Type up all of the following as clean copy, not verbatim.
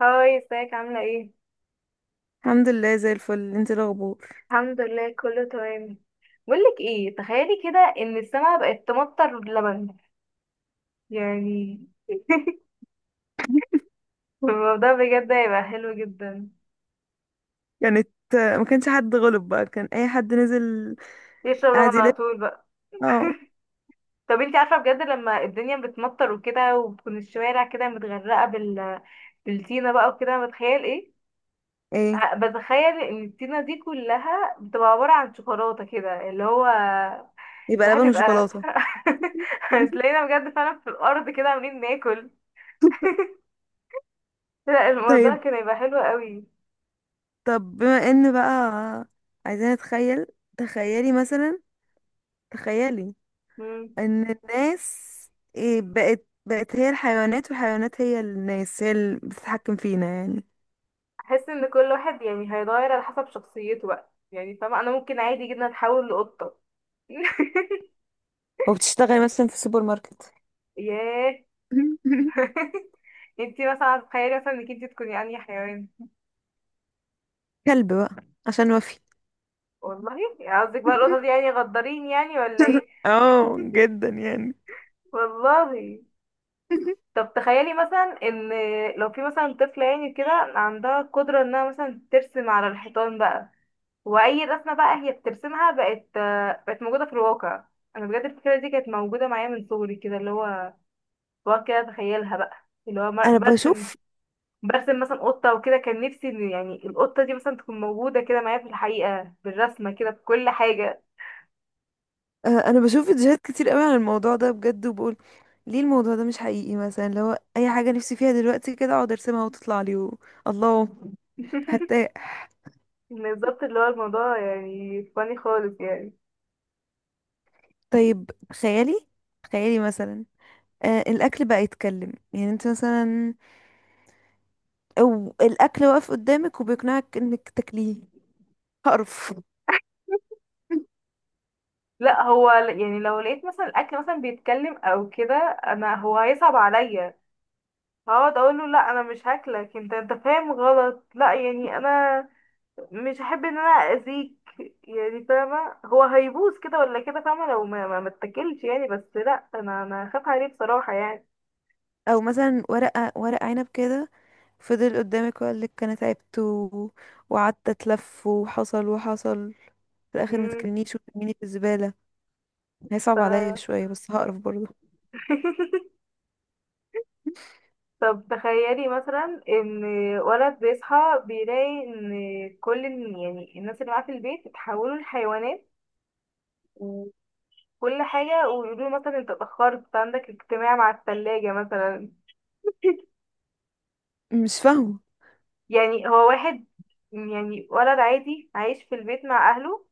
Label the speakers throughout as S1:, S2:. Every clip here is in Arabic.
S1: هاي، ازيك؟ عاملة ايه؟
S2: الحمد لله زي الفل. انت إيه الاخبار؟
S1: الحمد لله، كله تمام. بقولك ايه، تخيلي كده ان السما بقت تمطر لبن، يعني. الموضوع بجد هيبقى حلو جدا.
S2: كانت ما كانش حد غلب بقى، كان اي حد نزل
S1: يشرب
S2: قاعد
S1: لبن
S2: يلف.
S1: على طول بقى.
S2: اه.
S1: طب انتي عارفة بجد، لما الدنيا بتمطر وكده وبتكون الشوارع كده متغرقة بالطينة بقى وكده، بتخيل ايه؟
S2: ايه،
S1: بتخيل ان الطينة دي كلها بتبقى عبارة عن شوكولاتة كده، اللي هو
S2: يبقى
S1: الواحد
S2: لبن
S1: بيبقى.
S2: وشوكولاته.
S1: هتلاقينا بجد فعلا في الأرض كده عاملين ناكل. لا، الموضوع
S2: طيب،
S1: كان هيبقى حلو قوي.
S2: بما ان بقى عايزين نتخيل، تخيلي مثلا تخيلي
S1: مم.
S2: ان الناس ايه بقت هي الحيوانات، والحيوانات هي الناس، هي اللي بتتحكم فينا يعني.
S1: احس ان كل واحد يعني هيتغير على حسب شخصيته بقى، يعني فاهمة، انا ممكن عادي جدا اتحول لقطة.
S2: وبتشتغل مثلا في السوبر ماركت.
S1: ياه. انتي مثلا تخيلي مثلا انك انتي تكوني انهي حيوان.
S2: كلب بقى، عشان وفي.
S1: والله يعني قصدك بقى القطة دي يعني غدارين، يعني ولا ايه؟
S2: اه، جدا يعني.
S1: والله. طب تخيلي مثلا ان لو في مثلا طفلة يعني كده عندها قدرة انها مثلا ترسم على الحيطان بقى، واي رسمه بقى هي بترسمها بقت موجوده في الواقع. انا بجد الفكره دي كانت موجوده معايا من صغري كده، اللي هو بقعد كده اتخيلها بقى، اللي هو
S2: انا
S1: برسم،
S2: بشوف
S1: برسم مثلا قطه وكده، كان نفسي ان يعني القطه دي مثلا تكون موجوده كده معايا في الحقيقه بالرسمه كده بكل حاجه.
S2: انا بشوف فيديوهات كتير قوي عن الموضوع ده بجد، وبقول ليه الموضوع ده مش حقيقي. مثلا لو اي حاجه نفسي فيها دلوقتي كده اقعد ارسمها وتطلع لي الله. هرتاح.
S1: بالظبط، اللي هو الموضوع يعني فاني خالص يعني.
S2: طيب خيالي مثلا، آه الاكل بقى يتكلم يعني انت مثلا، او الاكل واقف قدامك وبيقنعك انك تاكليه. هقرف.
S1: لا هو يعني لو لقيت مثلا الاكل مثلا بيتكلم او كده، انا هو هيصعب عليا، هقعد اقول له لا انا مش هاكلك، انت انت فاهم غلط، لا يعني انا مش هحب ان انا اذيك، يعني فاهمه هو هيبوظ كده ولا كده، فاهمه لو ما اتكلش يعني، بس لا انا هخاف عليه بصراحه يعني.
S2: او مثلا ورقه ورق عنب كده فضل قدامك وقال لك انا تعبت وقعدت اتلف وحصل وحصل، في الاخر ما
S1: امم
S2: تكلنيش وترميني في الزباله. هي
S1: ف...
S2: صعبة عليا شوية بس هقرف برضه.
S1: طب تخيلي مثلا ان ولد بيصحى بيلاقي ان كل يعني الناس اللي معاه في البيت اتحولوا لحيوانات، وكل حاجه ويقولوا له مثلا انت اتاخرت عندك اجتماع مع الثلاجه مثلا.
S2: مش فاهمة.
S1: يعني هو واحد، يعني ولد عادي عايش في البيت مع اهله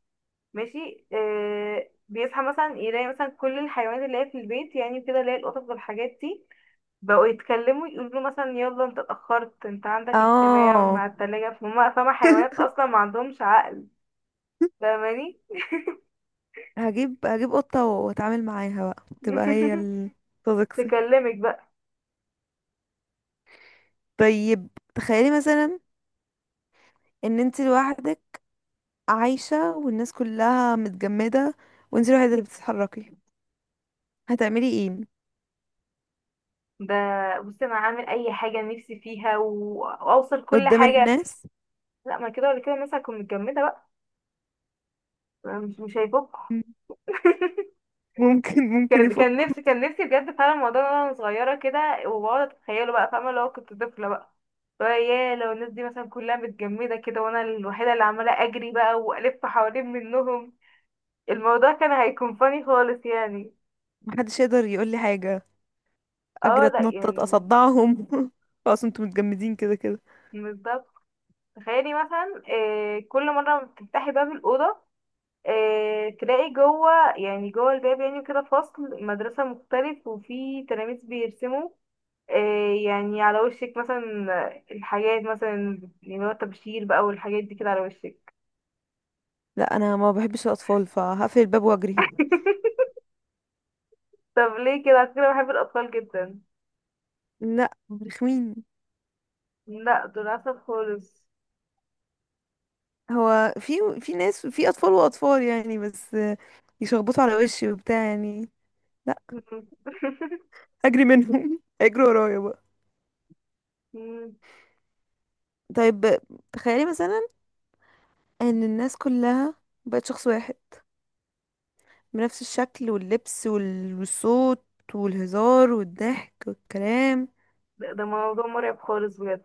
S1: ماشي، آه بيصحى مثلا يلاقي مثلا كل الحيوانات اللي هي في البيت يعني كده، اللي هي القطط والحاجات دي، بقوا يتكلموا يقولوا له مثلا يلا انت اتأخرت، انت عندك اجتماع
S2: اه.
S1: مع التلاجة، فهم فاهمة حيوانات اصلا ما عندهمش عقل، فاهماني؟
S2: هجيب قطة واتعامل معاها، بقى تبقى هي الصديقتي.
S1: تكلمك بقى.
S2: طيب تخيلي مثلا ان انت لوحدك عايشة والناس كلها متجمدة، وانت الوحيدة اللي بتتحركي، هتعملي ايه
S1: ده، بصي انا هعمل اي حاجة نفسي فيها واوصل كل
S2: قدام
S1: حاجة.
S2: الناس؟
S1: لا ما كده ولا كده الناس هتكون متجمدة بقى، مش هيفكوا.
S2: ممكن
S1: كان كان
S2: يفكوا.
S1: نفسي كان نفسي بجد فعلا الموضوع ده وانا صغيره كده، وبقعد اتخيله بقى، فاهمه لو كنت طفله بقى، لو الناس دي مثلا كلها متجمده كده وانا الوحيده اللي عماله اجري بقى والف حوالين منهم، الموضوع كان هيكون فاني خالص يعني.
S2: محدش يقدر يقول لي حاجة. اجري،
S1: اه لا
S2: اتنطط،
S1: يعني.
S2: اصدعهم. خلاص انتوا متجمدين كده كده.
S1: بالظبط. تخيلي مثلا آه كل مره ما بتفتحي باب الاوضه، آه تلاقي جوه، يعني جوه الباب يعني كده فصل مدرسه مختلف وفي تلاميذ بيرسموا، إيه يعني على وشك مثلا الحاجات مثلا اللي هو التبشير بقى، والحاجات دي كده على وشك.
S2: لا انا ما بحبش الاطفال، فهقفل الباب واجري.
S1: طب ليه كده، على فكرة بحب الأطفال جدا.
S2: لا، رخمين.
S1: لا دول عسل خالص.
S2: هو في ناس، في اطفال واطفال يعني، بس يشخبطوا على وشي وبتاع يعني. لا. اجري منهم. اجري ورايا بقى.
S1: مم.
S2: طيب تخيلي مثلا ان الناس كلها بقت شخص واحد، بنفس الشكل واللبس والصوت والهزار والضحك والكلام.
S1: ده موضوع مرعب خالص بجد.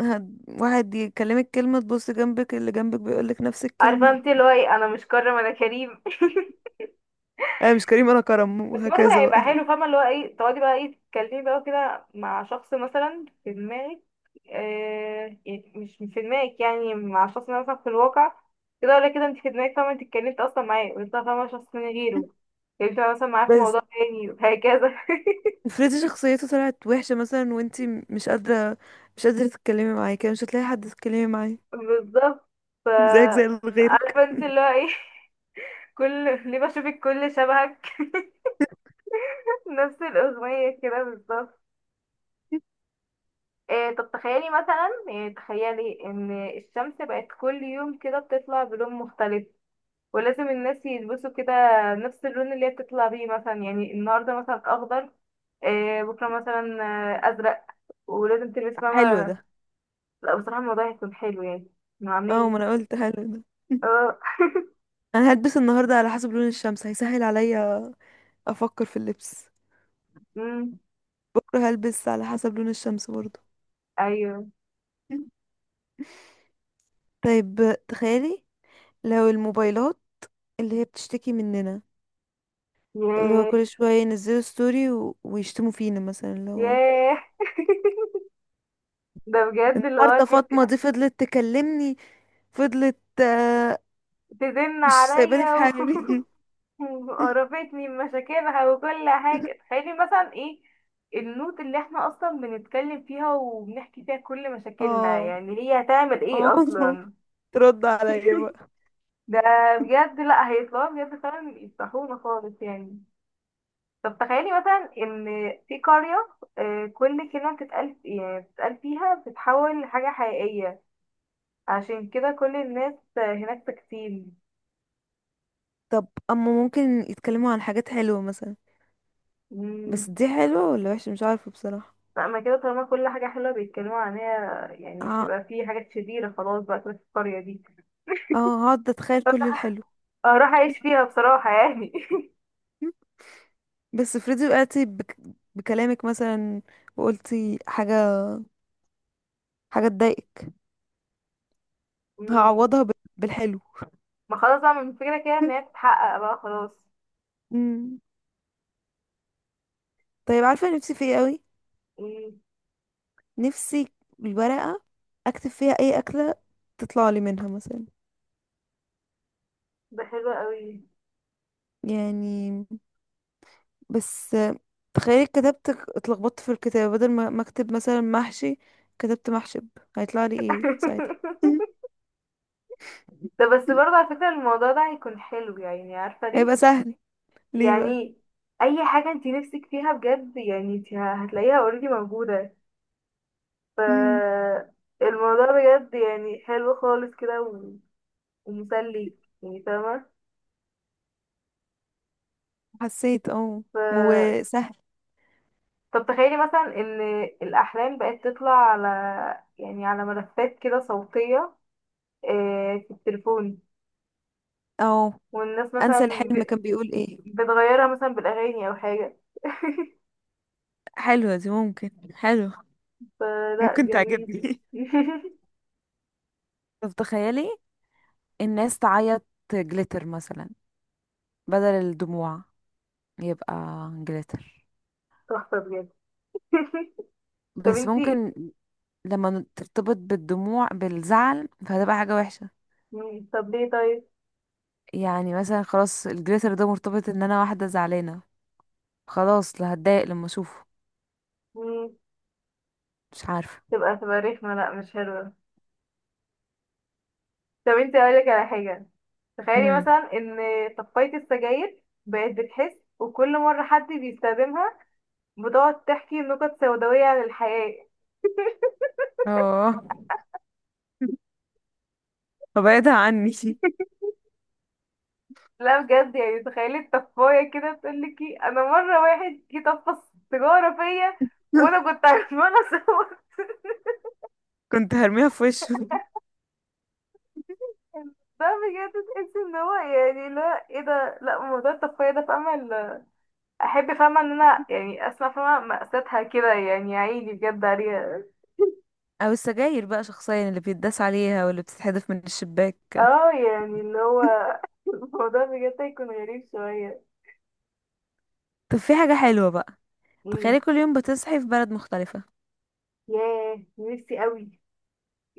S2: واحد يكلمك كلمة تبص جنبك اللي جنبك بيقولك نفس
S1: عارفة
S2: الكلمة.
S1: انت اللي هو ايه، انا مش كرم انا كريم.
S2: انا مش كريم انا كرم،
S1: بس برضه
S2: وهكذا
S1: هيبقى
S2: بقى.
S1: حلو، فاهمة اللي هو ايه، تقعدي بقى ايه تتكلمي بقى كده مع شخص مثلا في دماغك، آه يعني مش في دماغك، يعني مع شخص مثلا في الواقع، كده ولا كده انت في دماغك فاهمة انت اتكلمت اصلا معاه، ويطلع فاهمة شخص من غيره، اتكلمت مثلا معاه في
S2: بس
S1: موضوع تاني وهكذا.
S2: افرضي شخصيته طلعت وحشة مثلا، وانتي مش قادرة تتكلمي معاه، كده مش هتلاقي حد تتكلمي معاه.
S1: بالظبط. ف
S2: زيك زي اللي غيرك.
S1: عارفة انت اللي هو ايه؟ كل ليه بشوفك كل شبهك. نفس الأغنية كده بالظبط. إيه، طب تخيلي مثلا، إيه تخيلي ان الشمس بقت كل يوم كده بتطلع بلون مختلف، ولازم الناس يلبسوا كده نفس اللون اللي هي بتطلع بيه، مثلا يعني النهارده مثلا اخضر، إيه بكره مثلا آه، ازرق، ولازم تلبس فاهمة.
S2: حلو ده.
S1: لا بصراحة الموضوع هيكون حلو يعني، إنه
S2: اه،
S1: عاملين.
S2: ما انا قلت حلو ده.
S1: اه.
S2: انا هلبس النهاردة على حسب لون الشمس، هيسهل عليا افكر في اللبس.
S1: امم
S2: بكرة هلبس على حسب لون الشمس برضه.
S1: ايوه.
S2: طيب تخيلي، لو الموبايلات اللي هي بتشتكي مننا، اللي هو
S1: ياه.
S2: كل شوية ينزلوا ستوري ويشتموا فينا مثلا، اللي هو
S1: ياه. ده بجد اللي هو
S2: النهاردة
S1: تحسي
S2: فاطمة دي فضلت تكلمني، فضلت
S1: تزن
S2: مش سايباني في
S1: عليا.
S2: حالي.
S1: وقربتني من مشاكلها وكل حاجة، تخيلي مثلا ايه النوت اللي احنا اصلا بنتكلم فيها وبنحكي فيها كل مشاكلنا،
S2: اه.
S1: يعني هي هتعمل
S2: اه.
S1: ايه اصلا.
S2: ترد عليا بقى.
S1: ده بجد لا هيطلعوا بجد فعلا يفتحونا خالص يعني. طب تخيلي مثلا ان في قرية، آه، كل كلمة بتتقال يعني بتتقال فيها بتتحول لحاجة حقيقية، عشان كده كل الناس آه، هناك تكتيل.
S2: طب اما ممكن يتكلموا عن حاجات حلوة مثلا، بس دي حلوة ولا وحشة مش عارفة بصراحة.
S1: لا ما كده، طالما كل حاجة حلوة بيتكلموا عنها يعني مش
S2: اه،
S1: هيبقى في حاجات شريرة خلاص بقى كده في القرية دي،
S2: آه، هقعد اتخيل كل الحلو.
S1: اروح اعيش فيها بصراحة يعني.
S2: بس افرضي وقعتي بكلامك مثلا، وقلتي حاجة، حاجة تضايقك،
S1: مم.
S2: هعوضها بالحلو.
S1: ما خلاص بقى من فكرة كده ان هي تتحقق بقى، خلاص.
S2: مم. طيب عارفة نفسي في ايه قوي؟
S1: مم.
S2: نفسي الورقة اكتب فيها اي اكلة، تطلع لي منها مثلا
S1: ده حلو قوي.
S2: يعني. بس تخيلي كتبت، اتلخبطت في الكتابة، بدل ما اكتب مثلا محشي كتبت محشب، هيطلع لي ايه ساعتها؟
S1: ده بس برضه على فكرة الموضوع ده هيكون حلو، يعني عارفة ليه؟
S2: هيبقى سهل. ليه بقى؟
S1: يعني اي حاجة انت نفسك فيها بجد يعني انت هتلاقيها اوريدي موجودة، ف
S2: امم.
S1: الموضوع بجد يعني حلو خالص كده ومسلي، يعني فاهمة.
S2: حسيت اه.
S1: ف...
S2: وسهل.
S1: طب تخيلي مثلا ان الاحلام بقت تطلع على، يعني على ملفات كده صوتية، آه، في التليفون،
S2: اه.
S1: والناس
S2: انسى
S1: مثلا
S2: الحلم كان بيقول ايه.
S1: بتغيرها مثلا بالاغاني او حاجة،
S2: حلوة دي، ممكن حلو،
S1: فلا
S2: ممكن
S1: جميل.
S2: تعجبني. طب تخيلي الناس تعيط جليتر مثلا، بدل الدموع، يبقى جليتر.
S1: تحفة بجد. طب
S2: بس
S1: انتي.
S2: ممكن لما ترتبط بالدموع بالزعل فهتبقى حاجة وحشة.
S1: مم، طب ليه طيب؟
S2: يعني مثلا خلاص الجليتر ده مرتبط ان انا واحدة زعلانة، خلاص لا هتضايق لما اشوفه.
S1: مم،
S2: مش عارفة.
S1: تبقى رخمة، لا مش حلوة. طب انتي اقولك على حاجة، تخيلي
S2: امم.
S1: مثلا ان طفاية السجاير بقت بتحس، وكل مرة حد بيستخدمها بتقعد تحكي نكت سوداوية عن الحياة.
S2: اه. فبعدها عني.
S1: لا بجد يعني، تخيلي الطفايه كده تقول لك إيه، انا مره واحد جه طفى سيجاره فيا وانا كنت عماله اصور،
S2: كنت هرميها في وشه.
S1: ده بجد تحس ان هو يعني، لا ايه ده، لا موضوع الطفايه ده فاهمه احب فاهمه ان انا يعني اسمع فاهمه مأساتها كده، يعني عيني بجد عليها.
S2: او السجاير بقى شخصيا اللي بيتداس عليها واللي بتتحدف من الشباك.
S1: اه يعني اللي هو الموضوع بجد هيكون غريب شويه.
S2: طب في حاجة حلوة بقى،
S1: مم.
S2: تخيلي كل يوم بتصحي في بلد مختلفة.
S1: ياه نفسي قوي،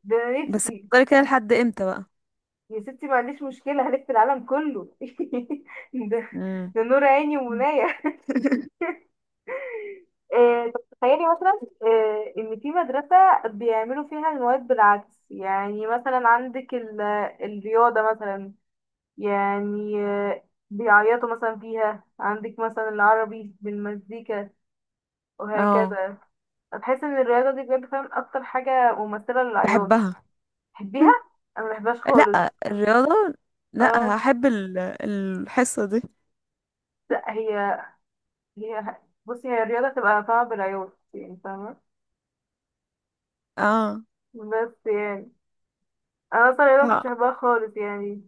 S1: ده أنا
S2: بس
S1: نفسي.
S2: هتفضلي كده لحد امتى بقى؟
S1: يا ستي ما عنديش مشكلة هلف العالم كله. ده,
S2: امم.
S1: ده نور عيني ومناية. آه، طب تخيلي مثلا، آه، إن في مدرسة بيعملوا فيها المواد بالعكس، يعني مثلا عندك الرياضة مثلا، يعني آه، بيعيطوا مثلا فيها، عندك مثلا العربي بالمزيكا
S2: اه.
S1: وهكذا. بحس إن الرياضة دي بجد فعلا أكتر حاجة ممثلة للعياط.
S2: بحبها.
S1: تحبيها؟ أنا مبحبهاش خالص.
S2: لا الرياضة، لا
S1: اه
S2: هحب الحصة دي.
S1: لا هي، بصي هي الرياضة تبقى طبعا بالعيوب يعني فاهمة،
S2: اه.
S1: بس يعني أنا أصلا الرياضة مكنتش بحبها خالص يعني.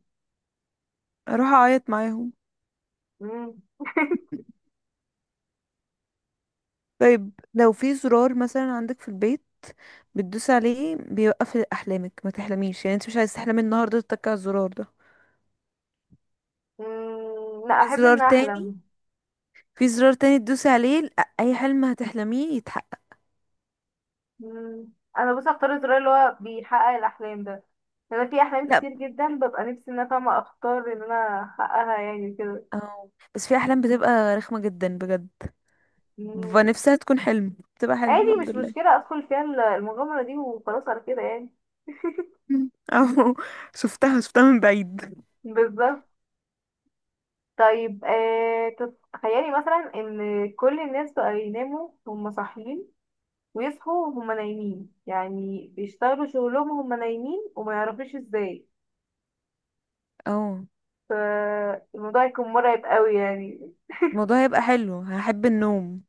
S2: اروح اعيط معاهم.
S1: مم.
S2: طيب لو في زرار مثلا عندك في البيت، بتدوس عليه بيوقف احلامك، ما تحلميش، يعني انت مش عايز تحلمي النهارده تتك على الزرار ده.
S1: مم. لا
S2: في
S1: أحب
S2: زرار
S1: إن
S2: تاني،
S1: أحلم.
S2: في زرار تاني تدوسي عليه، لأ، اي حلم هتحلميه يتحقق.
S1: مم. أنا بصي أختار الزرار اللي هو بيحقق الأحلام ده، أنا في أحلام
S2: لا.
S1: كتير جدا ببقى نفسي إن أنا فاهمة أختار إن أنا أحققها يعني كده.
S2: أو. بس في احلام بتبقى رخمه جدا بجد، ببقى
S1: مم.
S2: نفسها تكون حلم، بتبقى حلم
S1: عادي
S2: الحمد
S1: مش
S2: لله.
S1: مشكلة أدخل فيها المغامرة دي وخلاص على كده يعني.
S2: مم. او شفتها من بعيد.
S1: بالظبط. طيب آه، تخيلي مثلا إن كل الناس بقى يناموا وهم صاحيين، ويصحوا وهم نايمين، يعني بيشتغلوا شغلهم وهم نايمين وما يعرفوش ازاي،
S2: او
S1: فالموضوع يكون مرعب قوي يعني.
S2: الموضوع هيبقى حلو، هحب النوم.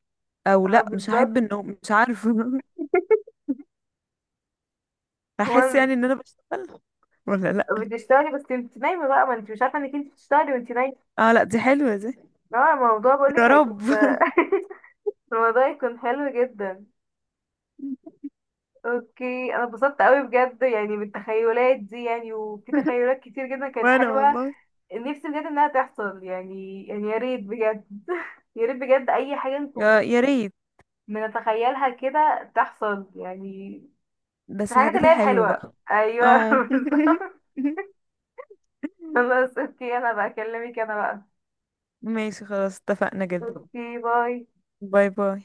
S2: او
S1: اه
S2: لا مش
S1: بالظبط.
S2: هحب النوم، مش عارفه.
S1: هو
S2: هحس يعني ان انا بشتغل، ولا لا.
S1: بتشتغلي بس انت نايمة بقى، ما انت مش عارفة انك انت بتشتغلي وانت نايمة.
S2: اه لا دي حلوة دي.
S1: اه الموضوع
S2: يا
S1: بقولك هيكون
S2: رب.
S1: الموضوع يكون حلو جدا. اوكي، انا اتبسطت قوي بجد يعني بالتخيلات دي يعني، وفي تخيلات كتير جدا كانت
S2: وانا
S1: حلوة،
S2: والله
S1: نفسي بجد انها تحصل يعني، يعني يا ريت بجد يا ريت بجد اي حاجة
S2: يا
S1: نكون
S2: يا ريت.
S1: بنتخيلها كده تحصل يعني.
S2: بس
S1: الحاجات
S2: الحاجات
S1: اللي هي
S2: الحلوة
S1: الحلوة
S2: بقى.
S1: أيوة
S2: اه.
S1: بالظبط. خلاص اوكي، أنا بكلمك أنا بقى.
S2: ماشي خلاص اتفقنا جدا.
S1: اوكي باي.
S2: باي باي.